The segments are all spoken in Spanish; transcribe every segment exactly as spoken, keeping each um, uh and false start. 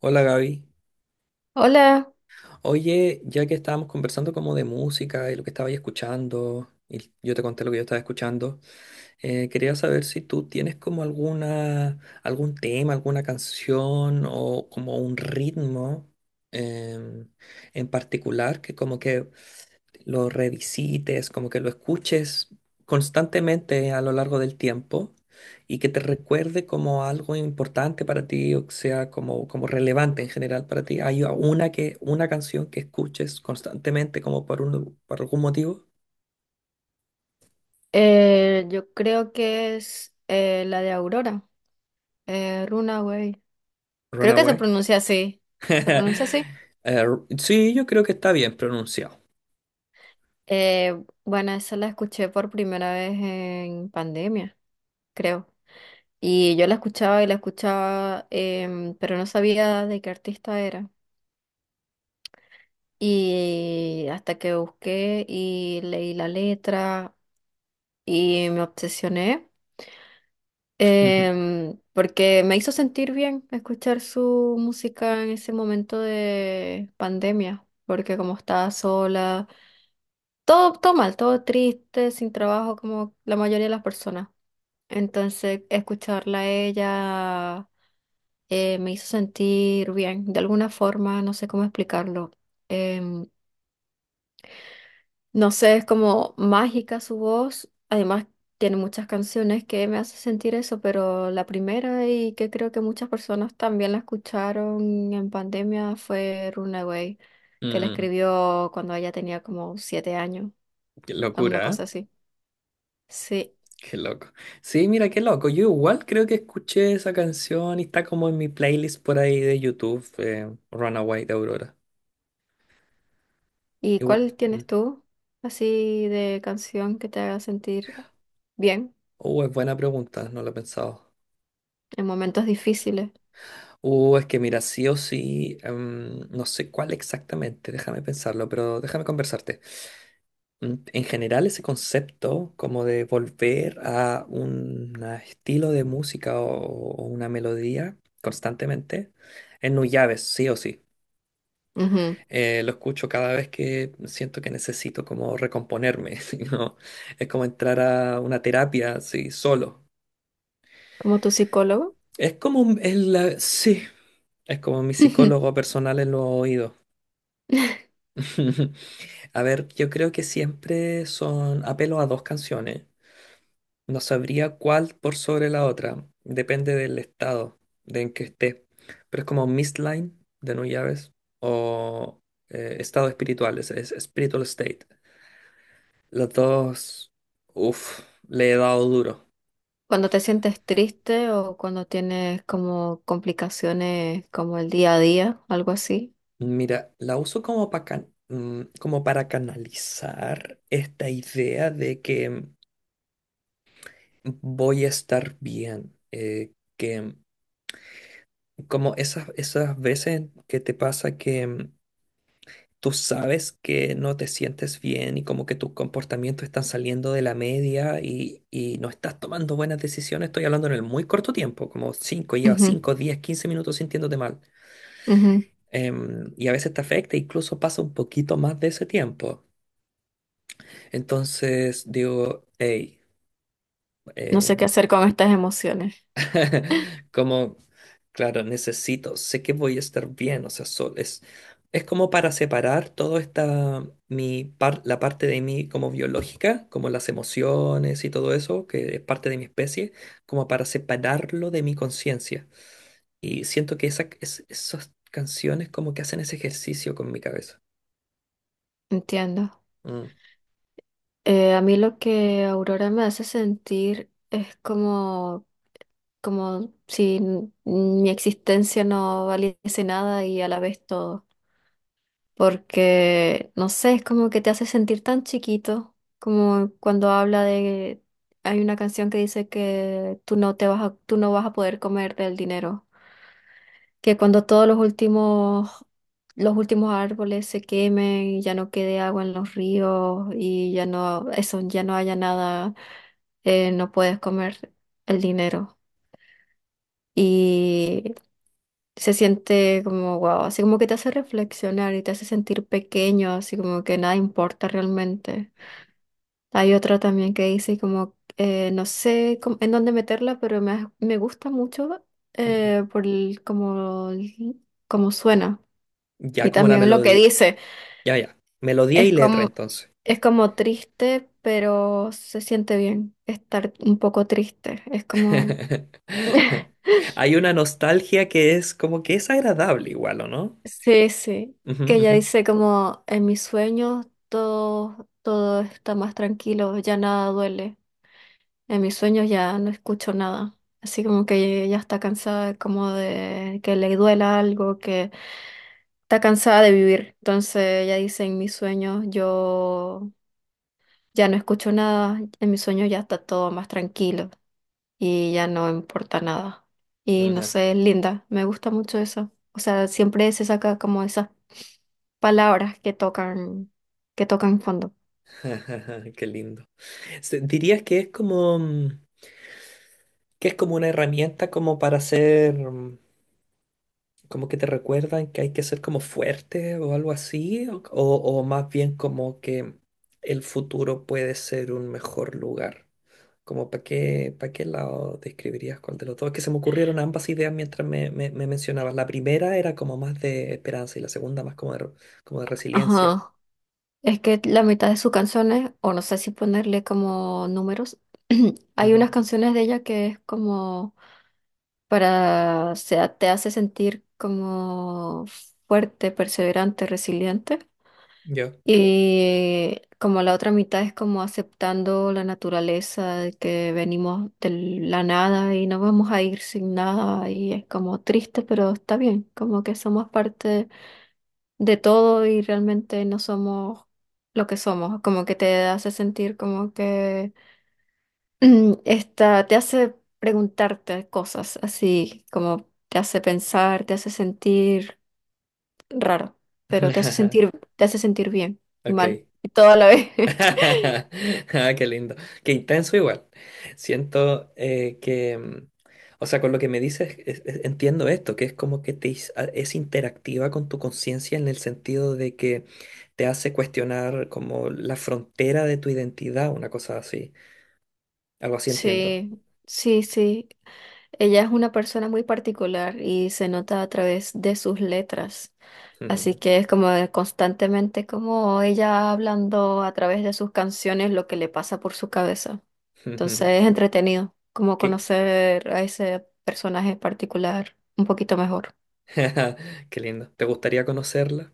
Hola Gaby. Hola, Oye, ya que estábamos conversando como de música y lo que estaba ahí escuchando, y yo te conté lo que yo estaba escuchando, eh, quería saber si tú tienes como alguna, algún tema, alguna canción o como un ritmo em, en particular que como que lo revisites, como que lo escuches constantemente a lo largo del tiempo y que te recuerde como algo importante para ti, o que sea como, como relevante en general para ti. ¿Hay una, que, una canción que escuches constantemente como por, un, por algún motivo? eh, yo creo que es eh, la de Aurora, eh, Runaway. Creo que se Runaway. pronuncia así. ¿Se pronuncia así? Eh, sí, yo creo que está bien pronunciado. Eh, bueno, esa la escuché por primera vez en pandemia, creo. Y yo la escuchaba y la escuchaba, em, pero no sabía de qué artista era. Y hasta que busqué y leí la letra y me obsesioné. Em, porque me hizo sentir bien escuchar su música en ese momento de pandemia, porque como estaba sola, todo, todo mal, todo triste, sin trabajo, como la mayoría de las personas. Entonces, escucharla a ella eh, me hizo sentir bien, de alguna forma, no sé cómo explicarlo. Em, no sé, es como mágica su voz. Además, tiene muchas canciones que me hace sentir eso, pero la primera y que creo que muchas personas también la escucharon en pandemia fue Runaway, que la Mm. escribió cuando ella tenía como siete años, Qué alguna locura, ¿eh? cosa así. Sí. Qué loco. Sí, mira, qué loco. Yo igual creo que escuché esa canción y está como en mi playlist por ahí de YouTube, eh, Runaway de Aurora. ¿Y Igu- cuál tienes mm. tú así de canción que te haga sentir bien Uh, es buena pregunta, no lo he pensado. en momentos difíciles? Uh, es que mira, sí o sí, em, no sé cuál exactamente, déjame pensarlo, pero déjame conversarte. Mm, En general, ese concepto como de volver a un a estilo de música o, o una melodía constantemente, en Nuyabes, sí o sí. Ujú. Eh, lo escucho cada vez que siento que necesito como recomponerme. ¿Sí? ¿No? Es como entrar a una terapia, sí, solo. Como tu psicólogo. Es como, un- es la- sí, es como mi psicólogo personal en los oídos. A ver, yo creo que siempre son apelo a dos canciones. No sabría cuál por sobre la otra. Depende del estado de en que esté. Pero es como Mistline de No Llaves o eh, Estado Espiritual, es, es Spiritual State. Las dos, uff, le he dado duro. Cuando te sientes triste o cuando tienes como complicaciones como el día a día, algo así. Mira, la uso como para como para canalizar esta idea de que voy a estar bien, eh, que como esas, esas veces que te pasa que mm, tú sabes que no te sientes bien y como que tus comportamientos están saliendo de la media y, y no estás tomando buenas decisiones, estoy hablando en el muy corto tiempo, como cinco llevas Ujú, cinco diez, quince minutos sintiéndote mal. ujú. Em, y a veces te afecta, incluso pasa un poquito más de ese tiempo. Entonces digo, hey, No eh, sé qué hacer con estas emociones. como, claro, necesito, sé que voy a estar bien, o sea, so- es, es como para separar toda esta, mi par- la parte de mí como biológica, como las emociones y todo eso, que es parte de mi especie, como para separarlo de mi conciencia. Y siento que esa, es- esas canciones como que hacen ese ejercicio con mi cabeza. Entiendo. Mm, Eh, a mí lo que Aurora me hace sentir es como, como si n- mi existencia no valiese nada y a la vez todo. Porque, no sé, es como que te hace sentir tan chiquito, como cuando habla de, hay una canción que dice que tú no te vas a, tú no vas a poder comer del dinero, que cuando todos los últimos, los últimos árboles se quemen y ya no quede agua en los ríos y ya no, eso, ya no haya nada, eh, no puedes comer el dinero. Y se siente como wow, así como que te hace reflexionar y te hace sentir pequeño, así como que nada importa realmente. Hay otra también que dice como, eh, no sé cómo- en dónde meterla, pero me, ha- me gusta mucho mm, mm. eh, por el- como, el- como suena. Ya Y como la también lo que melodía, dice, ya, ya, melodía es y letra como, entonces. es como triste, pero se siente bien estar un poco triste. Es como... Hay una nostalgia que es como que es agradable igual, ¿o no? Sí, sí, Ujú, que ella ujú. dice como en mis sueños todo, todo está más tranquilo, ya nada duele, en mis sueños ya no escucho nada, así como que ella está cansada como de que le duela algo, que está cansada de vivir, entonces ella dice en mis sueños yo ya no escucho nada, en mis sueños ya está todo más tranquilo y ya no importa nada. Y no Ajá, sé, es linda, me gusta mucho eso. O sea, siempre se saca como esas palabras que tocan, que tocan fondo. ajá. Qué lindo. Se- ¿Dirías que es como mm, que es como una herramienta como para ser mm, como que te recuerdan que hay que ser como fuerte o algo así? O, o o más bien como que el futuro puede ser un mejor lugar. Como para qué, para qué lado describirías cuál de los dos. Es que se me ocurrieron ambas ideas mientras me, me, me mencionabas. La primera era como más de esperanza y la segunda más como de, re- como de resiliencia. Ajá. Es que la mitad de sus canciones, o no sé si ponerle como números, hay Ujú. unas canciones de ella que es como para, o sea, te hace sentir como fuerte, perseverante, resiliente. Yo. Y como la otra mitad es como aceptando la naturaleza, de que venimos de la nada y no vamos a ir sin nada y es como triste, pero está bien, como que somos parte de todo y realmente no somos lo que somos, como que te hace sentir como que mm, esta, te hace preguntarte cosas así, como te hace pensar, te hace sentir raro, pero te hace sentir, te hace sentir bien y mal Ok. y todo a la vez. Ah, qué lindo. Qué intenso igual. Siento eh, que, mm, o sea, con lo que me dices, es- es- entiendo esto, que es como que te, is- a- es interactiva con tu conciencia en el sentido de que te hace cuestionar como la frontera de tu identidad, una cosa así. Algo así entiendo. Sí, sí, sí. Ella es una persona muy particular y se nota a través de sus letras. Así que es como de constantemente como ella hablando a través de sus canciones lo que le pasa por su cabeza. Entonces es entretenido como Qué, conocer a ese personaje particular un poquito mejor. qué lindo. ¿Te gustaría conocerla?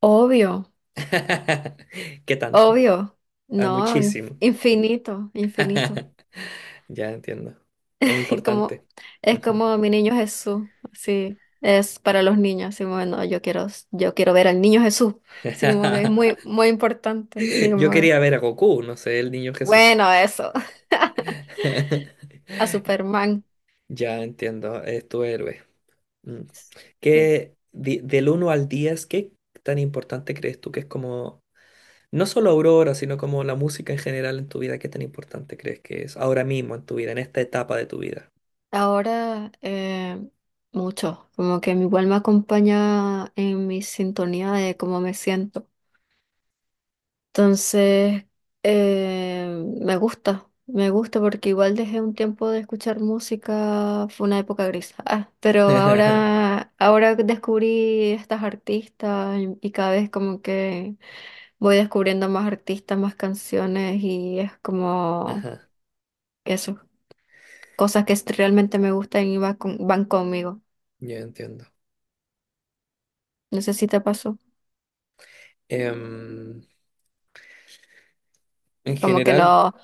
Obvio, ¿Qué tanto? obvio. Ah, No, inf- muchísimo. infinito, infinito. Ya entiendo. Es Como, importante. es Ujú. como mi niño Jesús, sí, es para los niños, así como, bueno, yo quiero, yo quiero ver al niño Jesús, así como que es muy, muy importante, así Yo como que, quería ver a Goku, no sé, el niño Jesús. bueno, eso, a Superman, Ya entiendo, es tu héroe. Mm. sí. ¿Qué, di- del uno al diez qué tan importante crees tú que es como no solo Aurora, sino como la música en general en tu vida, ¿qué tan importante crees que es ahora mismo en tu vida, en esta etapa de tu vida? Ahora, eh, mucho, como que igual me acompaña en mi sintonía de cómo me siento. Entonces, eh, me gusta, me gusta porque igual dejé un tiempo de escuchar música, fue una época gris. Ah, pero ahora, ahora descubrí estas artistas y, y cada vez como que voy descubriendo más artistas, más canciones y es como Ajá, eso, cosas que es- realmente me gustan y va con- van conmigo. yo entiendo. No sé si te pasó, Em, en como que general, no.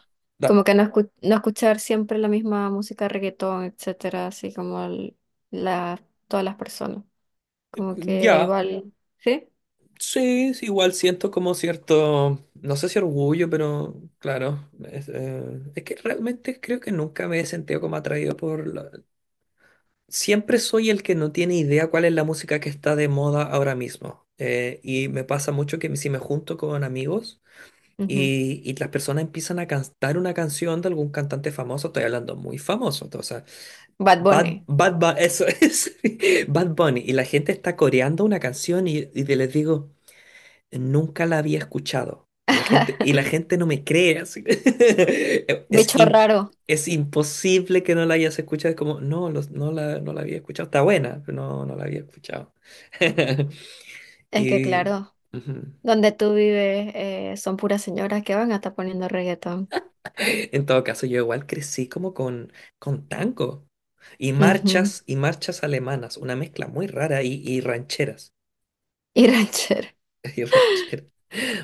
Como dale. que no, escu- no escuchar siempre la misma música, reggaetón, etcétera, así como el- la, todas las personas. Como que Ya, igual, ¿sí? sí, sí, igual siento como cierto, no sé si orgullo, pero claro, es, eh, es que realmente creo que nunca me he sentido como atraído por la. Siempre soy el que no tiene idea cuál es la música que está de moda ahora mismo. Eh, y me pasa mucho que si me junto con amigos, Ujú. Y, y las personas empiezan a cantar una canción de algún cantante famoso, estoy hablando muy famoso, o sea, Bad Bad, Bunny. Bad Bu- eso es, Bad Bunny, y la gente está coreando una canción y, y de- les digo, nunca la había escuchado, y la gente, y la gente no me cree, así. Es, Bicho im- raro. es imposible que no la hayas escuchado, es como, no, los- no la, no la había escuchado, está buena, pero no, no la había escuchado. Es que Y, claro, ujú. donde tú vives eh, son puras señoras que van a estar poniendo reggaetón. En todo caso, yo igual crecí como con, con tango y Ujú. marchas y marchas alemanas, una mezcla muy rara y, y rancheras. Y ranchero. Y rancheras,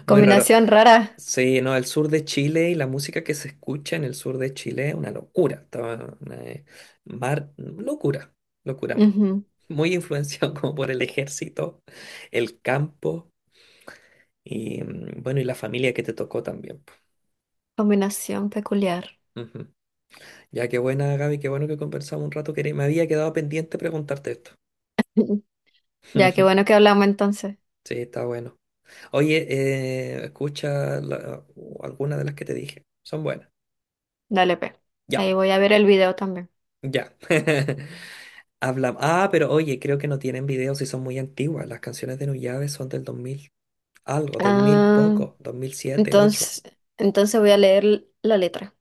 muy raro. Combinación rara. Sí, no, el sur de Chile y la música que se escucha en el sur de Chile es una locura. Estaba una, eh, mar- locura, locura. Ujú. Muy influenciado como por el ejército, el campo y mm, bueno, y la familia que te tocó también po. Combinación peculiar. Ujú. Ya qué buena, Gaby, qué bueno que conversamos un rato, que me había quedado pendiente preguntarte esto. Ya, qué bueno que hablamos entonces. Sí, está bueno. Oye, eh, escucha la- alguna de las que te dije. Son buenas. Dale, pe. Ya, Ahí voy a ver el video también. ya. Habla. Ah, pero oye, creo que no tienen videos y son muy antiguas. Las canciones de Nuyave son del dos mil algo, dos mil Ah. poco, dos mil siete, dos mil ocho. Entonces, entonces voy a leer la letra,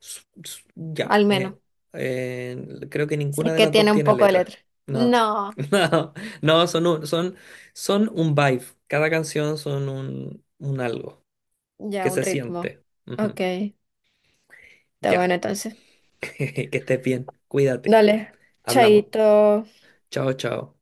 S- s- Ya. al menos, eh, eh, creo que si ninguna es de que las dos tiene un tiene poco de letra. letra. No. No, No, no, son un, son, son un, vibe. Cada canción son un, un algo ya que un se ritmo. siente. Ujú. Ok, está Ya. bueno entonces. Que estés bien, cuídate. Dale, Hablamos. chaito. Chao, chao.